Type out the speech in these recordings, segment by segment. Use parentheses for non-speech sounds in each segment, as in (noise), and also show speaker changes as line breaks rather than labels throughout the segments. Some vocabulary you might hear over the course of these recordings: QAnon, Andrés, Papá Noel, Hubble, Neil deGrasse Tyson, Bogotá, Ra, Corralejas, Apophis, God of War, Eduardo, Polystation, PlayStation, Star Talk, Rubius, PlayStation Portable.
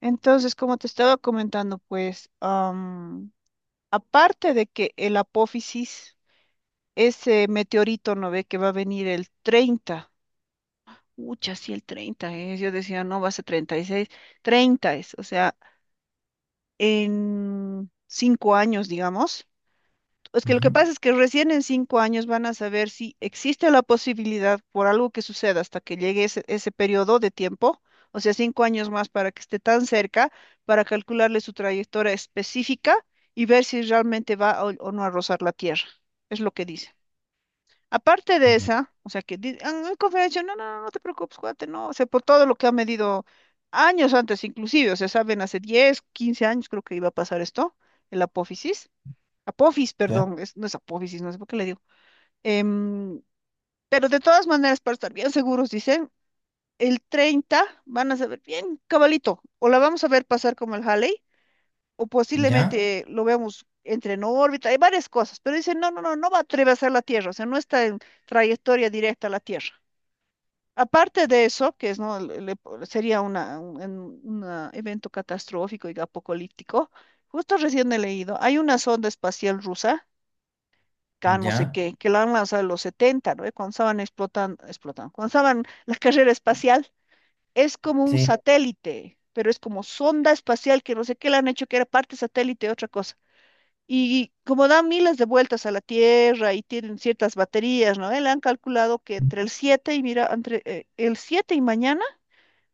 Entonces, como te estaba comentando, pues, aparte de que el apófisis, ese meteorito, ¿no ve? Que va a venir el treinta. Ucha, sí, el 30, es. Yo decía, no, va a ser 36. Treinta es. O sea, en 5 años, digamos. Es que lo que
Ujú,
pasa es que recién en 5 años van a saber si existe la posibilidad por algo que suceda hasta que llegue ese periodo de tiempo, o sea, 5 años más para que esté tan cerca, para calcularle su trayectoria específica y ver si realmente va o no a rozar la Tierra. Es lo que dice. Aparte de esa, o sea, que en conferencia, no, no, no, no te preocupes, cuate, no, o sea, por todo lo que ha medido años antes inclusive, o sea, saben, hace 10 15 años creo que iba a pasar esto, el apófisis. Apophis,
Ya,
perdón, no es Apófisis, no sé por qué le digo. Em, pero de todas maneras, para estar bien seguros, dicen, el 30 van a saber bien, cabalito, o la vamos a ver pasar como el Halley, o
ya,
posiblemente lo veamos entre en órbita, hay varias cosas, pero dicen, no, no, no, no va a atravesar la Tierra. O sea, no está en trayectoria directa a la Tierra. Aparte de eso, que es, ¿no? Sería una evento catastrófico y apocalíptico. Justo recién he leído, hay una sonda espacial rusa
ya,
Can, no sé
ya,
qué, que la han lanzado en los 70, ¿no? Cuando estaban explotando, explotando, cuando estaban la carrera espacial. Es como un
sí,
satélite, pero es como sonda espacial que no sé qué le han hecho, que era parte satélite, otra cosa. Y como dan miles de vueltas a la Tierra y tienen ciertas baterías, ¿no? Le han calculado que entre el 7 y mira, entre el 7 y mañana,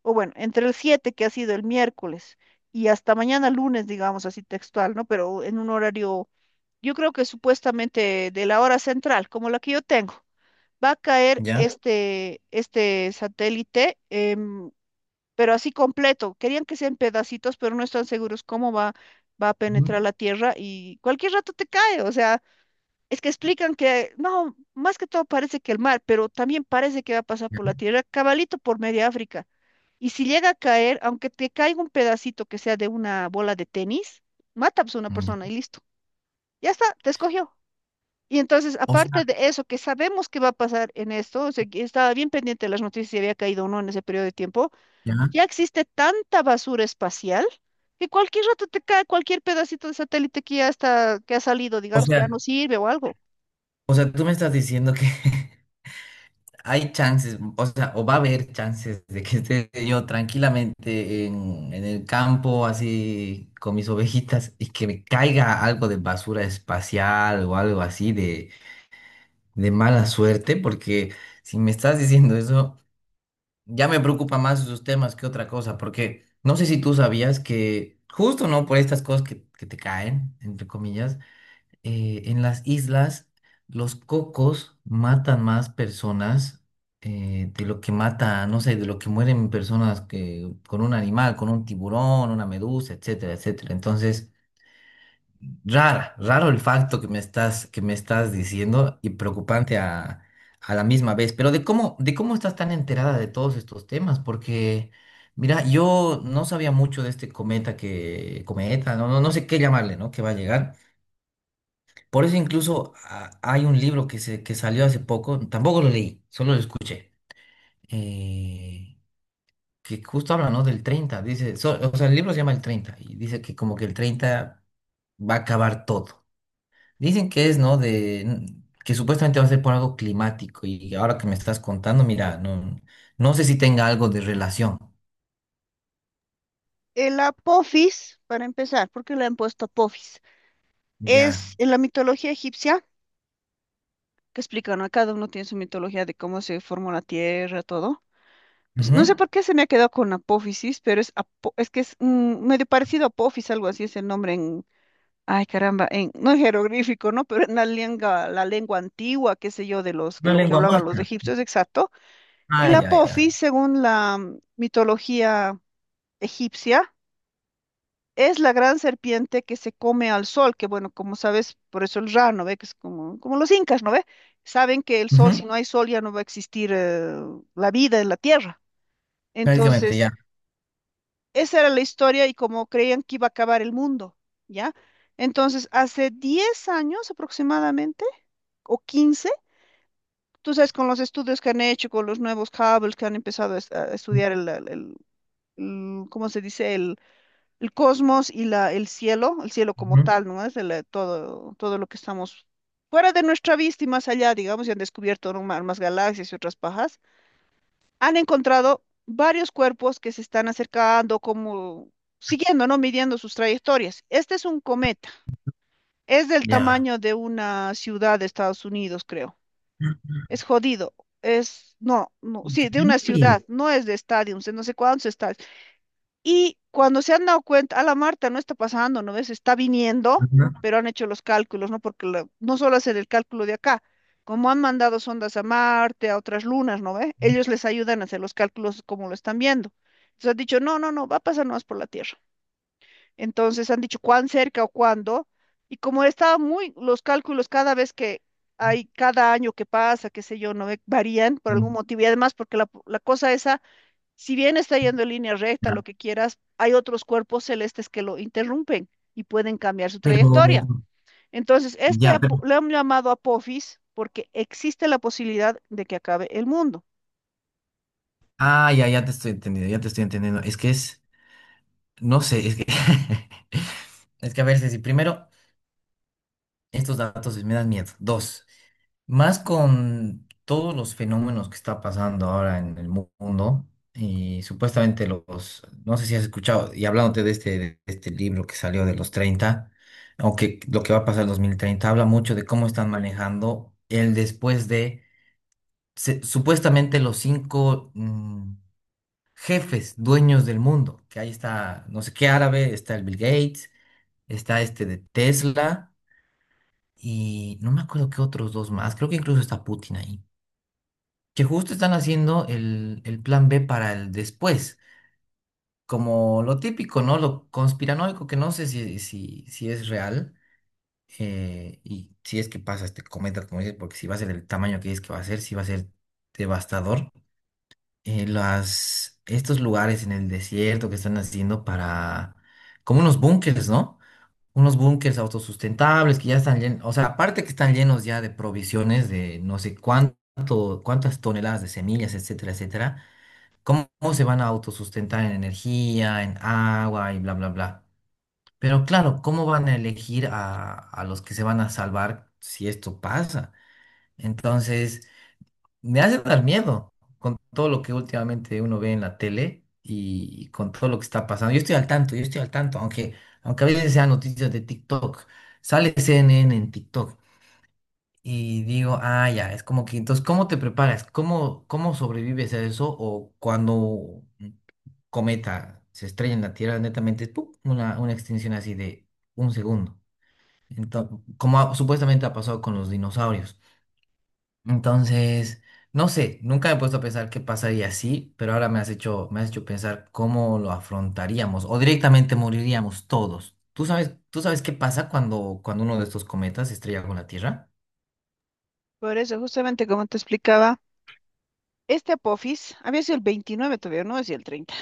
o bueno, entre el 7 que ha sido el miércoles y hasta mañana lunes, digamos así textual, ¿no? Pero en un horario yo creo que supuestamente de la hora central, como la que yo tengo, va a caer
ya,
este satélite, pero así completo. Querían que sean pedacitos, pero no están seguros cómo va, va a
ujú,
penetrar la Tierra y cualquier rato te cae. O sea, es que explican que no, más que todo parece que el mar, pero también parece que va a pasar
ya,
por la Tierra, cabalito por media África. Y si llega a caer, aunque te caiga un pedacito que sea de una bola de tenis, mata pues, a una persona
ya.
y listo. Ya está, te escogió. Y entonces,
O sea,
aparte de eso, que sabemos que va a pasar en esto, o sea, que estaba bien pendiente de las noticias si había caído o no en ese periodo de tiempo,
ya,
ya existe tanta basura espacial que cualquier rato te cae cualquier pedacito de satélite que ya está, que ha salido,
o
digamos, que ya
sea,
no sirve o algo.
o sea, tú me estás diciendo que (laughs) hay chances, o sea, o va a haber chances de que esté yo tranquilamente en el campo, así con mis ovejitas, y que me caiga algo de basura espacial o algo así de mala suerte, porque si me estás diciendo eso. Ya me preocupa más esos temas que otra cosa, porque no sé si tú sabías que justo, ¿no? Por estas cosas que te caen, entre comillas, en las islas los cocos matan más personas, de lo que mata, no sé, de lo que mueren personas que, con un animal, con un tiburón, una medusa, etcétera, etcétera. Entonces, rara, raro el facto que me estás diciendo y preocupante a la misma vez. Pero de cómo estás tan enterada de todos estos temas, porque mira, yo no sabía mucho de este cometa que, cometa, no, no, no sé qué llamarle, ¿no? Que va a llegar. Por eso incluso hay un libro que se, que salió hace poco, tampoco lo leí, solo lo escuché. eh, que justo habla, ¿no? Del 30 dice, o sea, el libro se llama El 30 y dice que como que el 30 va a acabar todo. Dicen que es, ¿no? De que supuestamente va a ser por algo climático y ahora que me estás contando, mira, no, no sé si tenga algo de relación.
El Apophis, para empezar, ¿por qué le han puesto Apophis?
Ya.
Es en la mitología egipcia, que explican, ¿no? Cada uno tiene su mitología de cómo se formó la Tierra, todo. Pues, no
Ujú.
sé por qué se me ha quedado con apófisis, pero es, es que es medio parecido a apófis, algo así es el nombre en, ay caramba, (laughs) no en jeroglífico, ¿no? Pero en la lengua antigua, qué sé yo,
Una
lo que
lengua
hablaban los
muerta.
egipcios, exacto.
Ah,
El
ya, ya.
apófis, según la mitología egipcia, es la gran serpiente que se come al sol, que bueno, como sabes, por eso el Ra, ¿no ve? Que es como, los incas, ¿no ve? Saben que el sol,
Ujú.
si no hay sol, ya no va a existir la vida en la tierra.
Prácticamente
Entonces,
ya.
esa era la historia y como creían que iba a acabar el mundo. ¿Ya? Entonces, hace 10 años aproximadamente, o 15, tú sabes, con los estudios que han hecho, con los nuevos Hubble que han empezado a, a estudiar ¿cómo se dice? El cosmos y el cielo como
Ujú.
tal, ¿no? Es todo, todo lo que estamos fuera de nuestra vista y más allá, digamos, y han descubierto ¿no? más, más galaxias y otras pajas, han encontrado varios cuerpos que se están acercando, como siguiendo, ¿no? Midiendo sus trayectorias. Este es un cometa. Es del
Ya.
tamaño de una ciudad de Estados Unidos, creo. Es jodido. Es, no, no, sí, de una
Increíble.
ciudad, no es de estadios, de no sé cuántos estadios. Y cuando se han dado cuenta, a la Marta no está pasando, ¿no ves? Está viniendo,
Ajá.
pero han hecho los cálculos, ¿no? Porque no solo hacen el cálculo de acá, como han mandado sondas a Marte, a otras lunas, ¿no ve? Ellos les ayudan a hacer los cálculos como lo están viendo. Entonces han dicho, no, no, no, va a pasar más por la Tierra. Entonces han dicho cuán cerca o cuándo. Y como estaba los cálculos cada vez que hay, cada año que pasa, qué sé yo, no ve, varían por algún
Sí.
motivo. Y además porque la cosa esa, si bien está yendo en línea recta,
Ya.
lo que quieras, hay otros cuerpos celestes que lo interrumpen y pueden cambiar su
Pero,
trayectoria. Entonces,
ya, pero,
lo han llamado Apophis porque existe la posibilidad de que acabe el mundo.
ah, ya, ya te estoy entendiendo, ya te estoy entendiendo. Es que es, no sé, es que, (laughs) es que a veces, si primero, estos datos me dan miedo. Dos. Más con todos los fenómenos que está pasando ahora en el mundo y supuestamente los, no sé si has escuchado, y hablándote de este libro que salió de los treinta, aunque lo que va a pasar en 2030 habla mucho de cómo están manejando el después de supuestamente los cinco jefes dueños del mundo, que ahí está, no sé qué árabe, está el Bill Gates, está este de Tesla y no me acuerdo qué otros dos más, creo que incluso está Putin ahí. Que justo están haciendo el plan B para el después, como lo típico, ¿no? Lo conspiranoico, que no sé si es real, y si es que pasa este cometa, como dices, porque si va a ser el tamaño que es que va a ser, si va a ser devastador. Estos lugares en el desierto que están haciendo para, como unos búnkers, ¿no? Unos búnkers autosustentables que ya están llenos, o sea, aparte que están llenos ya de provisiones de no sé cuánto, cuántas toneladas de semillas, etcétera, etcétera, cómo se van a autosustentar en energía, en agua y bla, bla, bla. Pero claro, ¿cómo van a elegir a los que se van a salvar si esto pasa? Entonces, me hace dar miedo con todo lo que últimamente uno ve en la tele y con todo lo que está pasando. Yo estoy al tanto, yo estoy al tanto, aunque, aunque a veces sean noticias de TikTok. Sale CNN en TikTok. Y digo, ah, ya, es como que, entonces, ¿cómo te preparas? ¿Cómo, cómo sobrevives a eso? O cuando un cometa se estrella en la Tierra, netamente, ¡pum! Una extinción así de un segundo. Entonces, como supuestamente ha pasado con los dinosaurios. Entonces, no sé, nunca me he puesto a pensar qué pasaría así, pero ahora me has hecho pensar cómo lo afrontaríamos o directamente moriríamos todos. Tú sabes qué pasa cuando, cuando uno de estos cometas se estrella con la Tierra?
Por eso, justamente como te explicaba, este Apophis había sido el 29 todavía, no decía el 30,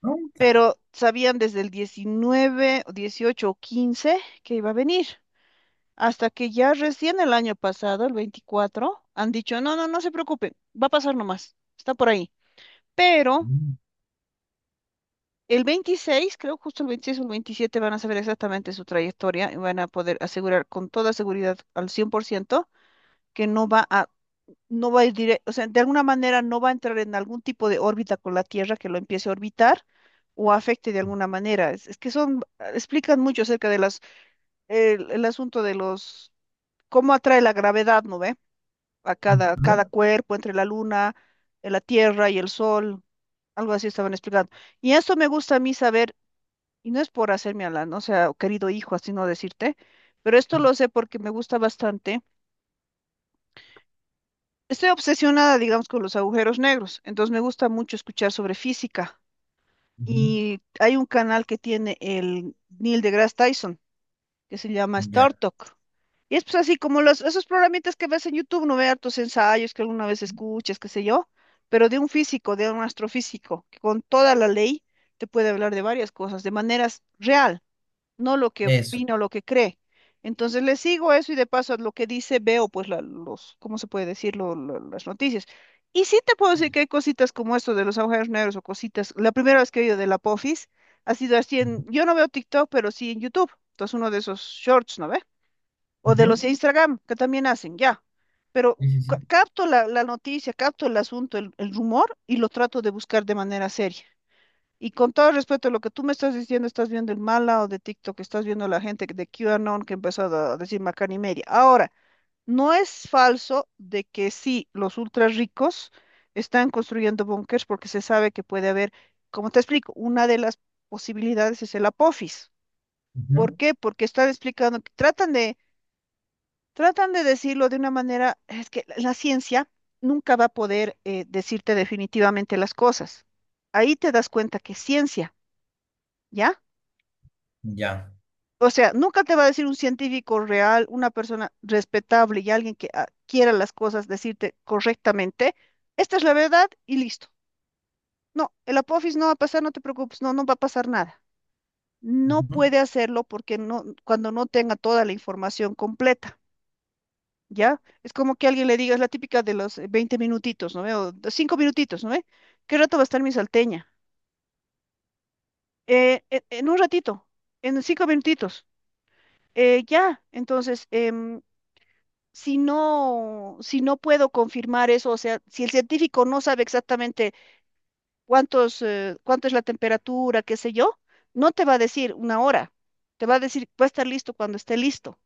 Pregunta.
pero sabían desde el 19, o 18 o 15 que iba a venir, hasta que ya recién el año pasado, el 24, han dicho, no, no, no se preocupen, va a pasar nomás, está por ahí. Pero el 26 creo justo el 26 o el 27 van a saber exactamente su trayectoria y van a poder asegurar con toda seguridad al 100% que no va a, no va a ir directo. O sea, de alguna manera no va a entrar en algún tipo de órbita con la Tierra que lo empiece a orbitar o afecte de alguna manera. Es que son, explican mucho acerca de las, el asunto de los, cómo atrae la gravedad, ¿no ve? A cada,
Ujú,
cada cuerpo entre la Luna, la Tierra y el Sol, algo así estaban explicando. Y eso me gusta a mí saber. Y no es por hacerme a la ¿no? sea, querido hijo, así no decirte, pero esto lo sé porque me gusta bastante. Estoy obsesionada, digamos, con los agujeros negros, entonces me gusta mucho escuchar sobre física.
ujú.
Y hay un canal que tiene el Neil deGrasse Tyson, que se llama
Ya,
Star Talk. Y es pues así como esos programitas que ves en YouTube, no ve hartos ensayos que alguna vez escuchas, qué sé yo, pero de un físico, de un astrofísico, que con toda la ley te puede hablar de varias cosas, de maneras real, no lo que
eso.
opina o lo que cree. Entonces le sigo eso y de paso a lo que dice veo pues ¿cómo se puede decir? Las noticias. Y sí te puedo decir que hay cositas como esto de los agujeros negros o cositas. La primera vez que he oído de la Pofis ha sido así
Ujú,
yo no veo TikTok, pero sí en YouTube. Entonces uno de esos shorts, ¿no ve? O de
ujú.
los de Instagram, que también hacen, ya. Pero
Sí, sí, sí.
capto la noticia, capto el asunto, el rumor y lo trato de buscar de manera seria. Y con todo respeto, lo que tú me estás diciendo, estás viendo el mal lado de TikTok, estás viendo la gente de QAnon que empezó a decir macana y media. Ahora, no es falso de que sí, los ultra ricos están construyendo búnkers porque se sabe que puede haber, como te explico, una de las posibilidades es el apófis.
Ujú.
¿Por qué? Porque están explicando, que tratan de decirlo de una manera, es que la ciencia nunca va a poder decirte definitivamente las cosas. Ahí te das cuenta que es ciencia. ¿Ya?
Ya.
O sea, nunca te va a decir un científico real, una persona respetable y alguien que quiera las cosas decirte correctamente, esta es la verdad y listo. No, el Apophis no va a pasar, no te preocupes, no, no va a pasar nada. No
Ujú.
puede hacerlo porque no, cuando no tenga toda la información completa, ¿ya? Es como que alguien le diga, es la típica de los 20 minutitos, ¿no ve? O de 5 minutitos, ¿no ve? ¿Qué rato va a estar mi salteña? "En un ratito, en 5 minutitos. Ya, entonces, si no, si no puedo confirmar eso, o sea, si el científico no sabe exactamente cuánto es la temperatura, qué sé yo, no te va a decir una hora, te va a decir, va a estar listo cuando esté listo."